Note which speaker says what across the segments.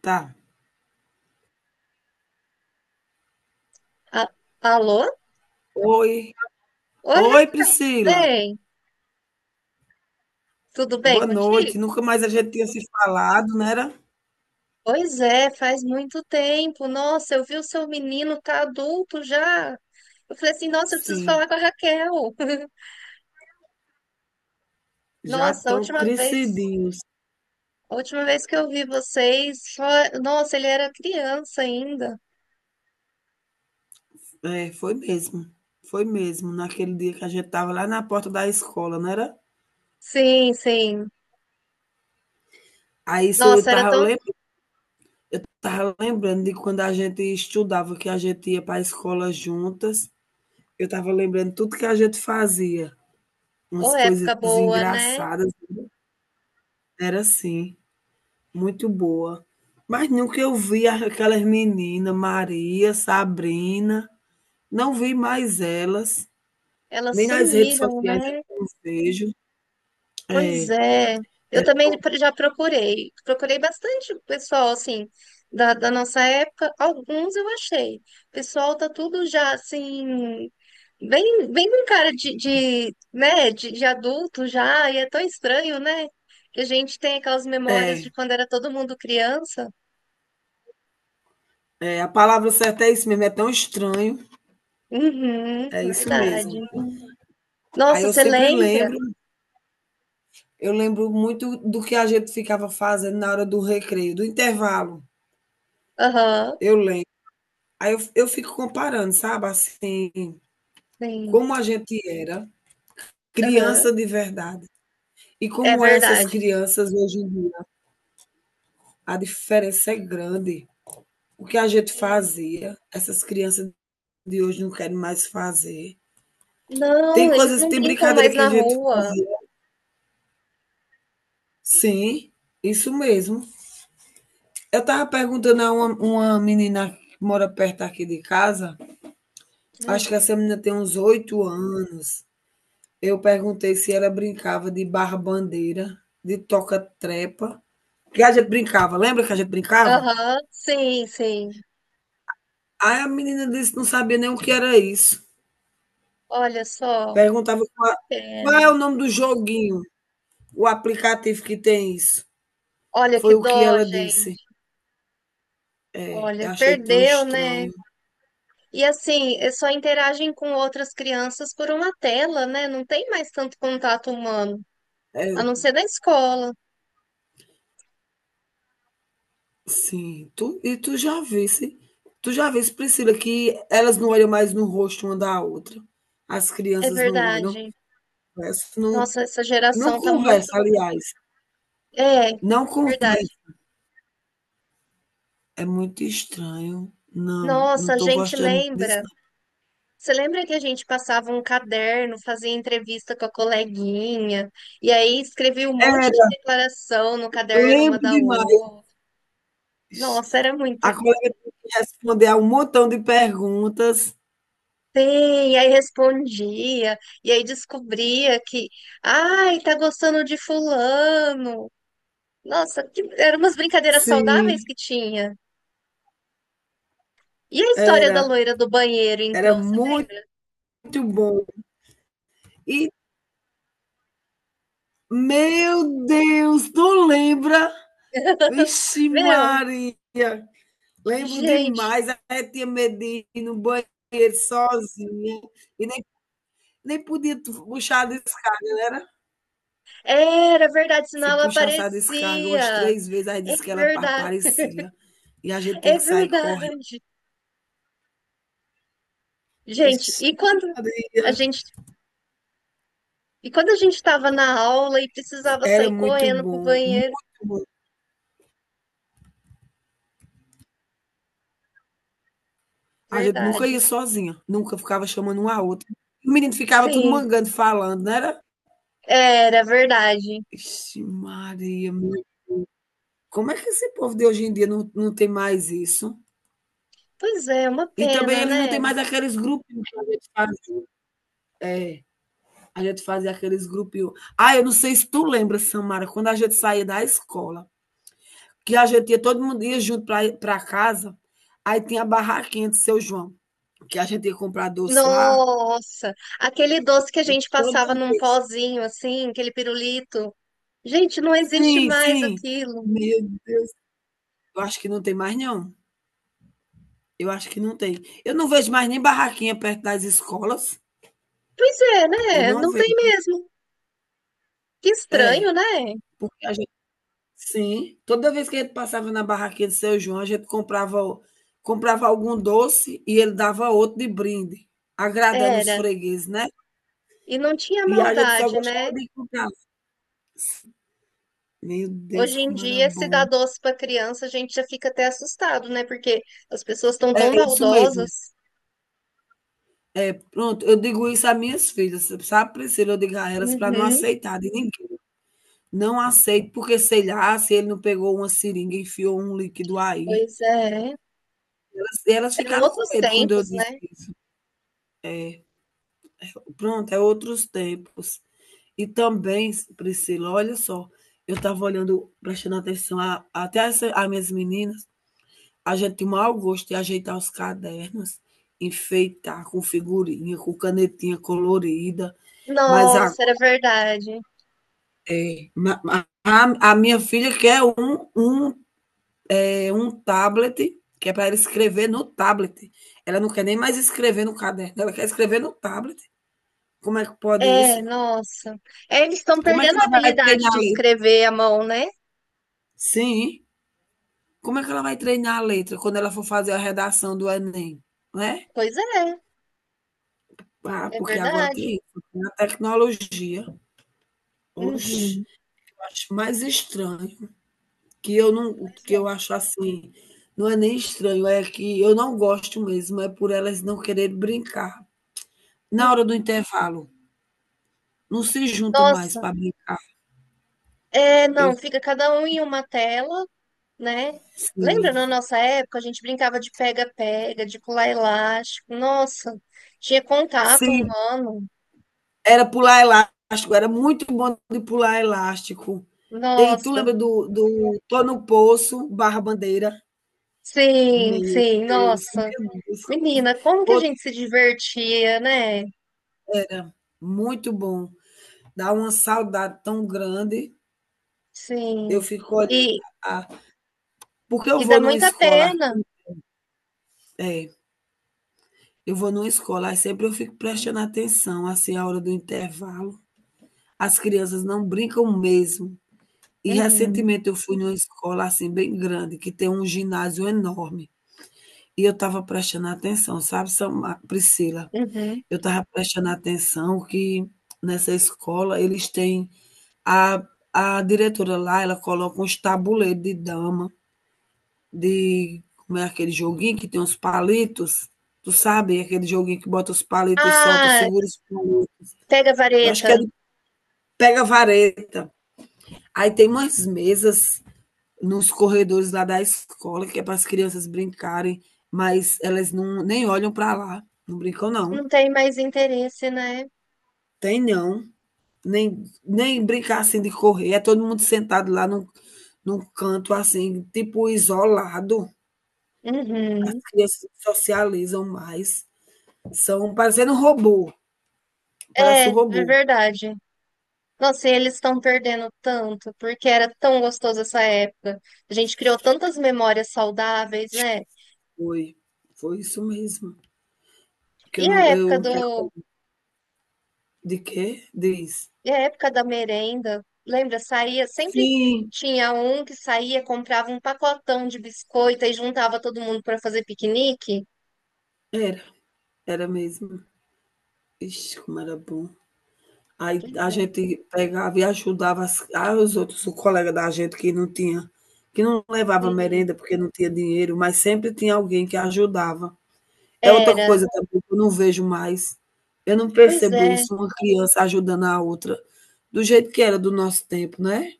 Speaker 1: Tá.
Speaker 2: A- Alô?
Speaker 1: Oi.
Speaker 2: Oi,
Speaker 1: Oi, Priscila.
Speaker 2: Raben. Tudo bem
Speaker 1: Boa
Speaker 2: contigo?
Speaker 1: noite. Nunca mais a gente tinha se falado, não era?
Speaker 2: Pois é, faz muito tempo. Nossa, eu vi o seu menino tá adulto já. Eu falei assim, nossa, eu preciso
Speaker 1: Sim,
Speaker 2: falar com a Raquel.
Speaker 1: já
Speaker 2: Nossa,
Speaker 1: estão crescidinhos.
Speaker 2: a última vez que eu vi vocês, só, nossa, ele era criança ainda.
Speaker 1: É, foi mesmo. Foi mesmo, naquele dia que a gente estava lá na porta da escola, não era?
Speaker 2: Sim, sim.
Speaker 1: Aí se eu
Speaker 2: Nossa, era tão,
Speaker 1: estava lembrando de quando a gente estudava, que a gente ia para a escola juntas. Eu estava lembrando tudo que a gente fazia,
Speaker 2: ô,
Speaker 1: umas coisas
Speaker 2: época boa, né?
Speaker 1: engraçadas, era assim. Muito boa. Mas nunca eu vi a aquelas meninas, Maria, Sabrina, não vi mais elas,
Speaker 2: Elas
Speaker 1: nem nas redes
Speaker 2: sumiram,
Speaker 1: sociais eu
Speaker 2: né?
Speaker 1: não vejo.
Speaker 2: Pois
Speaker 1: É,
Speaker 2: é, eu
Speaker 1: é,
Speaker 2: também já procurei, procurei bastante o pessoal, assim, da nossa época, alguns eu achei. O pessoal tá tudo já, assim, bem, bem com cara de, né, de adulto já, e é tão estranho, né? Que a gente tem aquelas memórias
Speaker 1: é,
Speaker 2: de quando era todo mundo criança.
Speaker 1: é, a palavra certa é isso mesmo, é tão estranho,
Speaker 2: Uhum,
Speaker 1: é isso mesmo.
Speaker 2: verdade.
Speaker 1: Aí
Speaker 2: Nossa,
Speaker 1: eu
Speaker 2: você
Speaker 1: sempre
Speaker 2: lembra?
Speaker 1: lembro, eu lembro muito do que a gente ficava fazendo na hora do recreio, do intervalo,
Speaker 2: Aham,
Speaker 1: eu lembro. Aí eu fico comparando, sabe, assim,
Speaker 2: sim,
Speaker 1: como a gente era
Speaker 2: aham,
Speaker 1: criança de verdade. E
Speaker 2: é
Speaker 1: como essas
Speaker 2: verdade.
Speaker 1: crianças hoje em dia, a diferença é grande. O que a gente
Speaker 2: Sim.
Speaker 1: fazia, essas crianças de hoje não querem mais fazer. Tem
Speaker 2: Não, eles
Speaker 1: coisas,
Speaker 2: não
Speaker 1: tem
Speaker 2: brincam
Speaker 1: brincadeira
Speaker 2: mais
Speaker 1: que a
Speaker 2: na
Speaker 1: gente
Speaker 2: rua.
Speaker 1: fazia. Sim, isso mesmo. Eu estava perguntando a uma menina que mora perto aqui de casa, acho que essa menina tem uns 8 anos. Eu perguntei se ela brincava de barra-bandeira, de toca-trepa, que a gente brincava. Lembra que a gente brincava?
Speaker 2: Aham, sim, sim.
Speaker 1: Aí a menina disse que não sabia nem o que era isso.
Speaker 2: Olha só,
Speaker 1: Perguntava qua
Speaker 2: que
Speaker 1: Qual é
Speaker 2: pena.
Speaker 1: o nome do joguinho, o aplicativo que tem isso.
Speaker 2: Olha que
Speaker 1: Foi o que
Speaker 2: dó,
Speaker 1: ela disse.
Speaker 2: gente.
Speaker 1: É, eu
Speaker 2: Olha,
Speaker 1: achei tão
Speaker 2: perdeu, né?
Speaker 1: estranho.
Speaker 2: E assim, só interagem com outras crianças por uma tela, né? Não tem mais tanto contato humano, a
Speaker 1: É,
Speaker 2: não ser na escola.
Speaker 1: sim, tu já visse, Priscila, que elas não olham mais no rosto uma da outra. As
Speaker 2: É
Speaker 1: crianças não olham,
Speaker 2: verdade.
Speaker 1: conversam, não,
Speaker 2: Nossa, essa
Speaker 1: não
Speaker 2: geração tá muito.
Speaker 1: conversa, aliás,
Speaker 2: É,
Speaker 1: não conversa.
Speaker 2: verdade.
Speaker 1: É muito estranho. Não, não
Speaker 2: Nossa, a
Speaker 1: estou
Speaker 2: gente
Speaker 1: gostando disso,
Speaker 2: lembra.
Speaker 1: não.
Speaker 2: Você lembra que a gente passava um caderno, fazia entrevista com a coleguinha, e aí escrevia um monte de
Speaker 1: Era,
Speaker 2: declaração no caderno uma
Speaker 1: lembro
Speaker 2: da
Speaker 1: demais.
Speaker 2: outra? Nossa, era muito
Speaker 1: A
Speaker 2: bom.
Speaker 1: colega teve que responder a um montão de perguntas.
Speaker 2: Sim, e aí respondia, e aí descobria que, ai, tá gostando de fulano. Nossa, que eram umas brincadeiras saudáveis
Speaker 1: Sim,
Speaker 2: que tinha. E a história da
Speaker 1: era.
Speaker 2: loira do banheiro,
Speaker 1: Era
Speaker 2: então, você lembra?
Speaker 1: muito bom. E, meu Deus, tu lembra? Vixe,
Speaker 2: Meu,
Speaker 1: Maria! Lembro
Speaker 2: gente,
Speaker 1: demais. A tia Medina no banheiro sozinha. E nem, nem podia puxar a descarga, não era?
Speaker 2: era verdade, senão
Speaker 1: Se
Speaker 2: ela
Speaker 1: puxasse a descarga umas
Speaker 2: aparecia.
Speaker 1: 3 vezes, aí
Speaker 2: É
Speaker 1: disse que ela
Speaker 2: verdade.
Speaker 1: aparecia. E a gente tem
Speaker 2: É
Speaker 1: que sair correndo.
Speaker 2: verdade. Gente,
Speaker 1: Ixi,
Speaker 2: e quando a
Speaker 1: Maria!
Speaker 2: gente e quando a gente estava na aula e precisava
Speaker 1: Era
Speaker 2: sair
Speaker 1: muito
Speaker 2: correndo pro
Speaker 1: bom, muito
Speaker 2: banheiro?
Speaker 1: bom. A gente nunca ia
Speaker 2: Verdade.
Speaker 1: sozinha, nunca ficava chamando um a outro. O menino ficava tudo
Speaker 2: Sim,
Speaker 1: mangando, falando, não era?
Speaker 2: era verdade.
Speaker 1: Ixi Maria, meu. Como é que esse povo de hoje em dia não, não tem mais isso?
Speaker 2: Pois é, uma
Speaker 1: E também
Speaker 2: pena,
Speaker 1: eles não
Speaker 2: né?
Speaker 1: têm mais aqueles grupinhos que a gente fazia. É, a gente fazia aqueles grupinhos. Ah, eu não sei se tu lembra, Samara, quando a gente saía da escola, que a gente ia, todo mundo ia junto para casa, aí tinha a barraquinha de Seu João, que a gente ia comprar doce lá,
Speaker 2: Nossa, aquele doce que a gente
Speaker 1: todo
Speaker 2: passava
Speaker 1: mundo.
Speaker 2: num pozinho assim, aquele pirulito. Gente, não existe
Speaker 1: Sim,
Speaker 2: mais
Speaker 1: sim.
Speaker 2: aquilo.
Speaker 1: Meu Deus, eu acho que não tem mais não, eu acho que não tem. Eu não vejo mais nem barraquinha perto das escolas,
Speaker 2: Pois é,
Speaker 1: eu
Speaker 2: né?
Speaker 1: não
Speaker 2: Não tem
Speaker 1: vejo.
Speaker 2: mesmo. Que estranho,
Speaker 1: É,
Speaker 2: né?
Speaker 1: porque a gente sim, toda vez que a gente passava na barraquinha do Seu João, a gente comprava algum doce e ele dava outro de brinde, agradando os
Speaker 2: Era.
Speaker 1: fregueses, né.
Speaker 2: E não tinha
Speaker 1: E a gente só
Speaker 2: maldade,
Speaker 1: gostava
Speaker 2: né?
Speaker 1: de comprar. Meu Deus,
Speaker 2: Hoje em
Speaker 1: como era
Speaker 2: dia, se dá
Speaker 1: bom.
Speaker 2: doce para criança, a gente já fica até assustado, né? Porque as pessoas estão
Speaker 1: É
Speaker 2: tão
Speaker 1: isso mesmo.
Speaker 2: baldosas.
Speaker 1: Pronto, eu digo isso a minhas filhas, sabe, Priscila, eu digo a elas para não
Speaker 2: Uhum,
Speaker 1: aceitar de ninguém. Não aceito, porque sei lá se ele não pegou uma seringa e enfiou um líquido aí.
Speaker 2: pois é.
Speaker 1: Elas
Speaker 2: Eram
Speaker 1: ficaram com
Speaker 2: outros
Speaker 1: medo quando eu
Speaker 2: tempos,
Speaker 1: disse
Speaker 2: né?
Speaker 1: isso. Pronto, é outros tempos. E também, Priscila, olha só, eu estava olhando, prestando atenção, a até essa as minhas meninas, a gente tem o maior gosto de ajeitar os cadernos, enfeitar com figurinha, com canetinha colorida, mas a
Speaker 2: Nossa, era verdade.
Speaker 1: é, a minha filha quer um tablet, que é para ela escrever no tablet. Ela não quer nem mais escrever no caderno, ela quer escrever no tablet. Como é que pode isso?
Speaker 2: É, nossa. É, eles estão
Speaker 1: Como é que
Speaker 2: perdendo a
Speaker 1: ela vai
Speaker 2: habilidade
Speaker 1: treinar a
Speaker 2: de
Speaker 1: letra?
Speaker 2: escrever à mão, né?
Speaker 1: Sim. Como é que ela vai treinar a letra quando ela for fazer a redação do Enem? Né?
Speaker 2: Pois é,
Speaker 1: Ah,
Speaker 2: é
Speaker 1: porque agora tem
Speaker 2: verdade.
Speaker 1: isso, tem a tecnologia. Oxe,
Speaker 2: Uhum,
Speaker 1: eu acho mais estranho
Speaker 2: pois
Speaker 1: que
Speaker 2: é.
Speaker 1: eu acho assim, não é nem estranho, é que eu não gosto mesmo, é por elas não querer brincar. Na
Speaker 2: Hum,
Speaker 1: hora do intervalo, não se junta mais
Speaker 2: Nossa,
Speaker 1: para brincar.
Speaker 2: é,
Speaker 1: Eu
Speaker 2: não, fica cada um em uma tela, né?
Speaker 1: sim.
Speaker 2: Lembra na nossa época, a gente brincava de pega-pega, de pular elástico. Nossa, tinha contato
Speaker 1: Sim,
Speaker 2: humano.
Speaker 1: era pular elástico, era muito bom de pular elástico. E tu lembra
Speaker 2: Nossa,
Speaker 1: do Tô no Poço, Barra Bandeira?
Speaker 2: sim,
Speaker 1: Meu
Speaker 2: sim,
Speaker 1: Deus,
Speaker 2: nossa.
Speaker 1: meu Deus.
Speaker 2: Menina, como que a
Speaker 1: Outra
Speaker 2: gente se divertia, né?
Speaker 1: era muito bom. Dá uma saudade tão grande. Eu
Speaker 2: Sim.
Speaker 1: fico olhando.
Speaker 2: E,
Speaker 1: a- Porque eu
Speaker 2: e dá
Speaker 1: vou numa
Speaker 2: muita
Speaker 1: escola,
Speaker 2: pena.
Speaker 1: é, eu vou numa escola, aí sempre eu fico prestando atenção, assim, a hora do intervalo. As crianças não brincam mesmo. E
Speaker 2: Uhum,
Speaker 1: recentemente eu fui numa escola, assim, bem grande, que tem um ginásio enorme, e eu estava prestando atenção, sabe, Samar Priscila,
Speaker 2: uhum.
Speaker 1: eu estava prestando atenção que nessa escola eles têm a a diretora lá, ela coloca uns tabuleiro de dama, de como é aquele joguinho que tem uns palitos, tu sabe, aquele joguinho que bota os palitos e solta,
Speaker 2: Ah,
Speaker 1: segura os palitos,
Speaker 2: pega
Speaker 1: eu acho
Speaker 2: vareta.
Speaker 1: que é de pega-vareta. Aí tem umas mesas nos corredores lá da escola, que é para as crianças brincarem, mas elas não, nem olham para lá. Não brincam, não.
Speaker 2: Não tem mais interesse, né?
Speaker 1: Tem não. Nem, nem brincar assim de correr. É todo mundo sentado lá num, num canto assim, tipo isolado. As
Speaker 2: Uhum.
Speaker 1: crianças socializam mais. São parecendo um robô. Parece
Speaker 2: É,
Speaker 1: um
Speaker 2: é
Speaker 1: robô.
Speaker 2: verdade. Nossa, e eles estão perdendo tanto, porque era tão gostoso essa época. A gente criou tantas memórias saudáveis, né?
Speaker 1: Foi. Foi isso mesmo. Que
Speaker 2: E
Speaker 1: eu
Speaker 2: a
Speaker 1: não.
Speaker 2: época
Speaker 1: Eu
Speaker 2: do,
Speaker 1: recordo. De quê? Diz.
Speaker 2: e a época da merenda, lembra? Saía, sempre
Speaker 1: Sim,
Speaker 2: tinha um que saía, comprava um pacotão de biscoito e juntava todo mundo para fazer piquenique.
Speaker 1: era. Era mesmo. Ixi, como era bom. Aí
Speaker 2: Pois
Speaker 1: a
Speaker 2: é,
Speaker 1: gente pegava e ajudava as aos outros, o colega da gente que não levava
Speaker 2: sim.
Speaker 1: merenda porque não tinha dinheiro, mas sempre tinha alguém que ajudava. É outra
Speaker 2: Era.
Speaker 1: coisa também que eu não vejo mais. Eu não
Speaker 2: Pois
Speaker 1: percebo
Speaker 2: é.
Speaker 1: isso, uma criança ajudando a outra, do jeito que era do nosso tempo, né.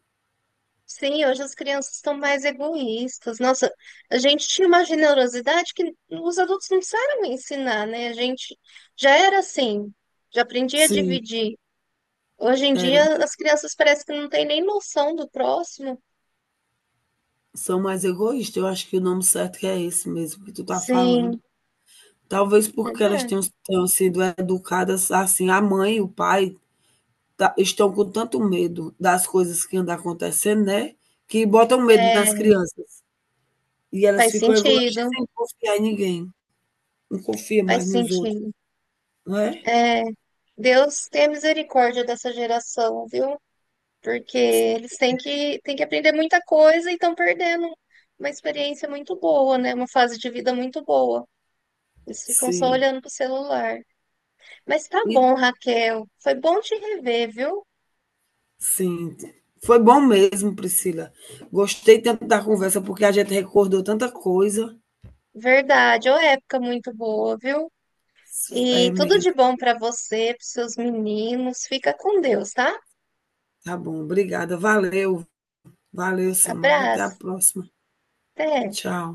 Speaker 2: Sim, hoje as crianças estão mais egoístas. Nossa, a gente tinha uma generosidade que os adultos não precisaram ensinar, né? A gente já era assim, já aprendia a
Speaker 1: Sim,
Speaker 2: dividir. Hoje em
Speaker 1: era
Speaker 2: dia, as
Speaker 1: mesmo.
Speaker 2: crianças parecem que não têm nem noção do próximo.
Speaker 1: São mais egoístas, eu acho que o nome certo é esse mesmo que tu tá falando.
Speaker 2: Sim,
Speaker 1: Talvez porque elas
Speaker 2: é,
Speaker 1: tenham sido educadas assim, a mãe e o pai estão com tanto medo das coisas que andam acontecendo, né, que botam medo nas
Speaker 2: é,
Speaker 1: crianças e elas
Speaker 2: faz
Speaker 1: ficam egoístas e
Speaker 2: sentido,
Speaker 1: sem confiar em ninguém, não confia mais
Speaker 2: faz
Speaker 1: nos outros,
Speaker 2: sentido.
Speaker 1: não é?
Speaker 2: É, Deus tenha misericórdia dessa geração, viu? Porque eles têm que aprender muita coisa e estão perdendo uma experiência muito boa, né? Uma fase de vida muito boa. Eles ficam só
Speaker 1: Sim,
Speaker 2: olhando pro celular. Mas tá
Speaker 1: e
Speaker 2: bom, Raquel. Foi bom te rever, viu?
Speaker 1: sim. Foi bom mesmo, Priscila. Gostei tanto da conversa, porque a gente recordou tanta coisa.
Speaker 2: Verdade, ô época muito boa, viu?
Speaker 1: É
Speaker 2: E tudo de
Speaker 1: mesmo,
Speaker 2: bom pra você, pros seus meninos. Fica com Deus, tá?
Speaker 1: tá bom. Obrigada. Valeu, valeu, Samara. Até a
Speaker 2: Abraço.
Speaker 1: próxima.
Speaker 2: Até.
Speaker 1: Tchau.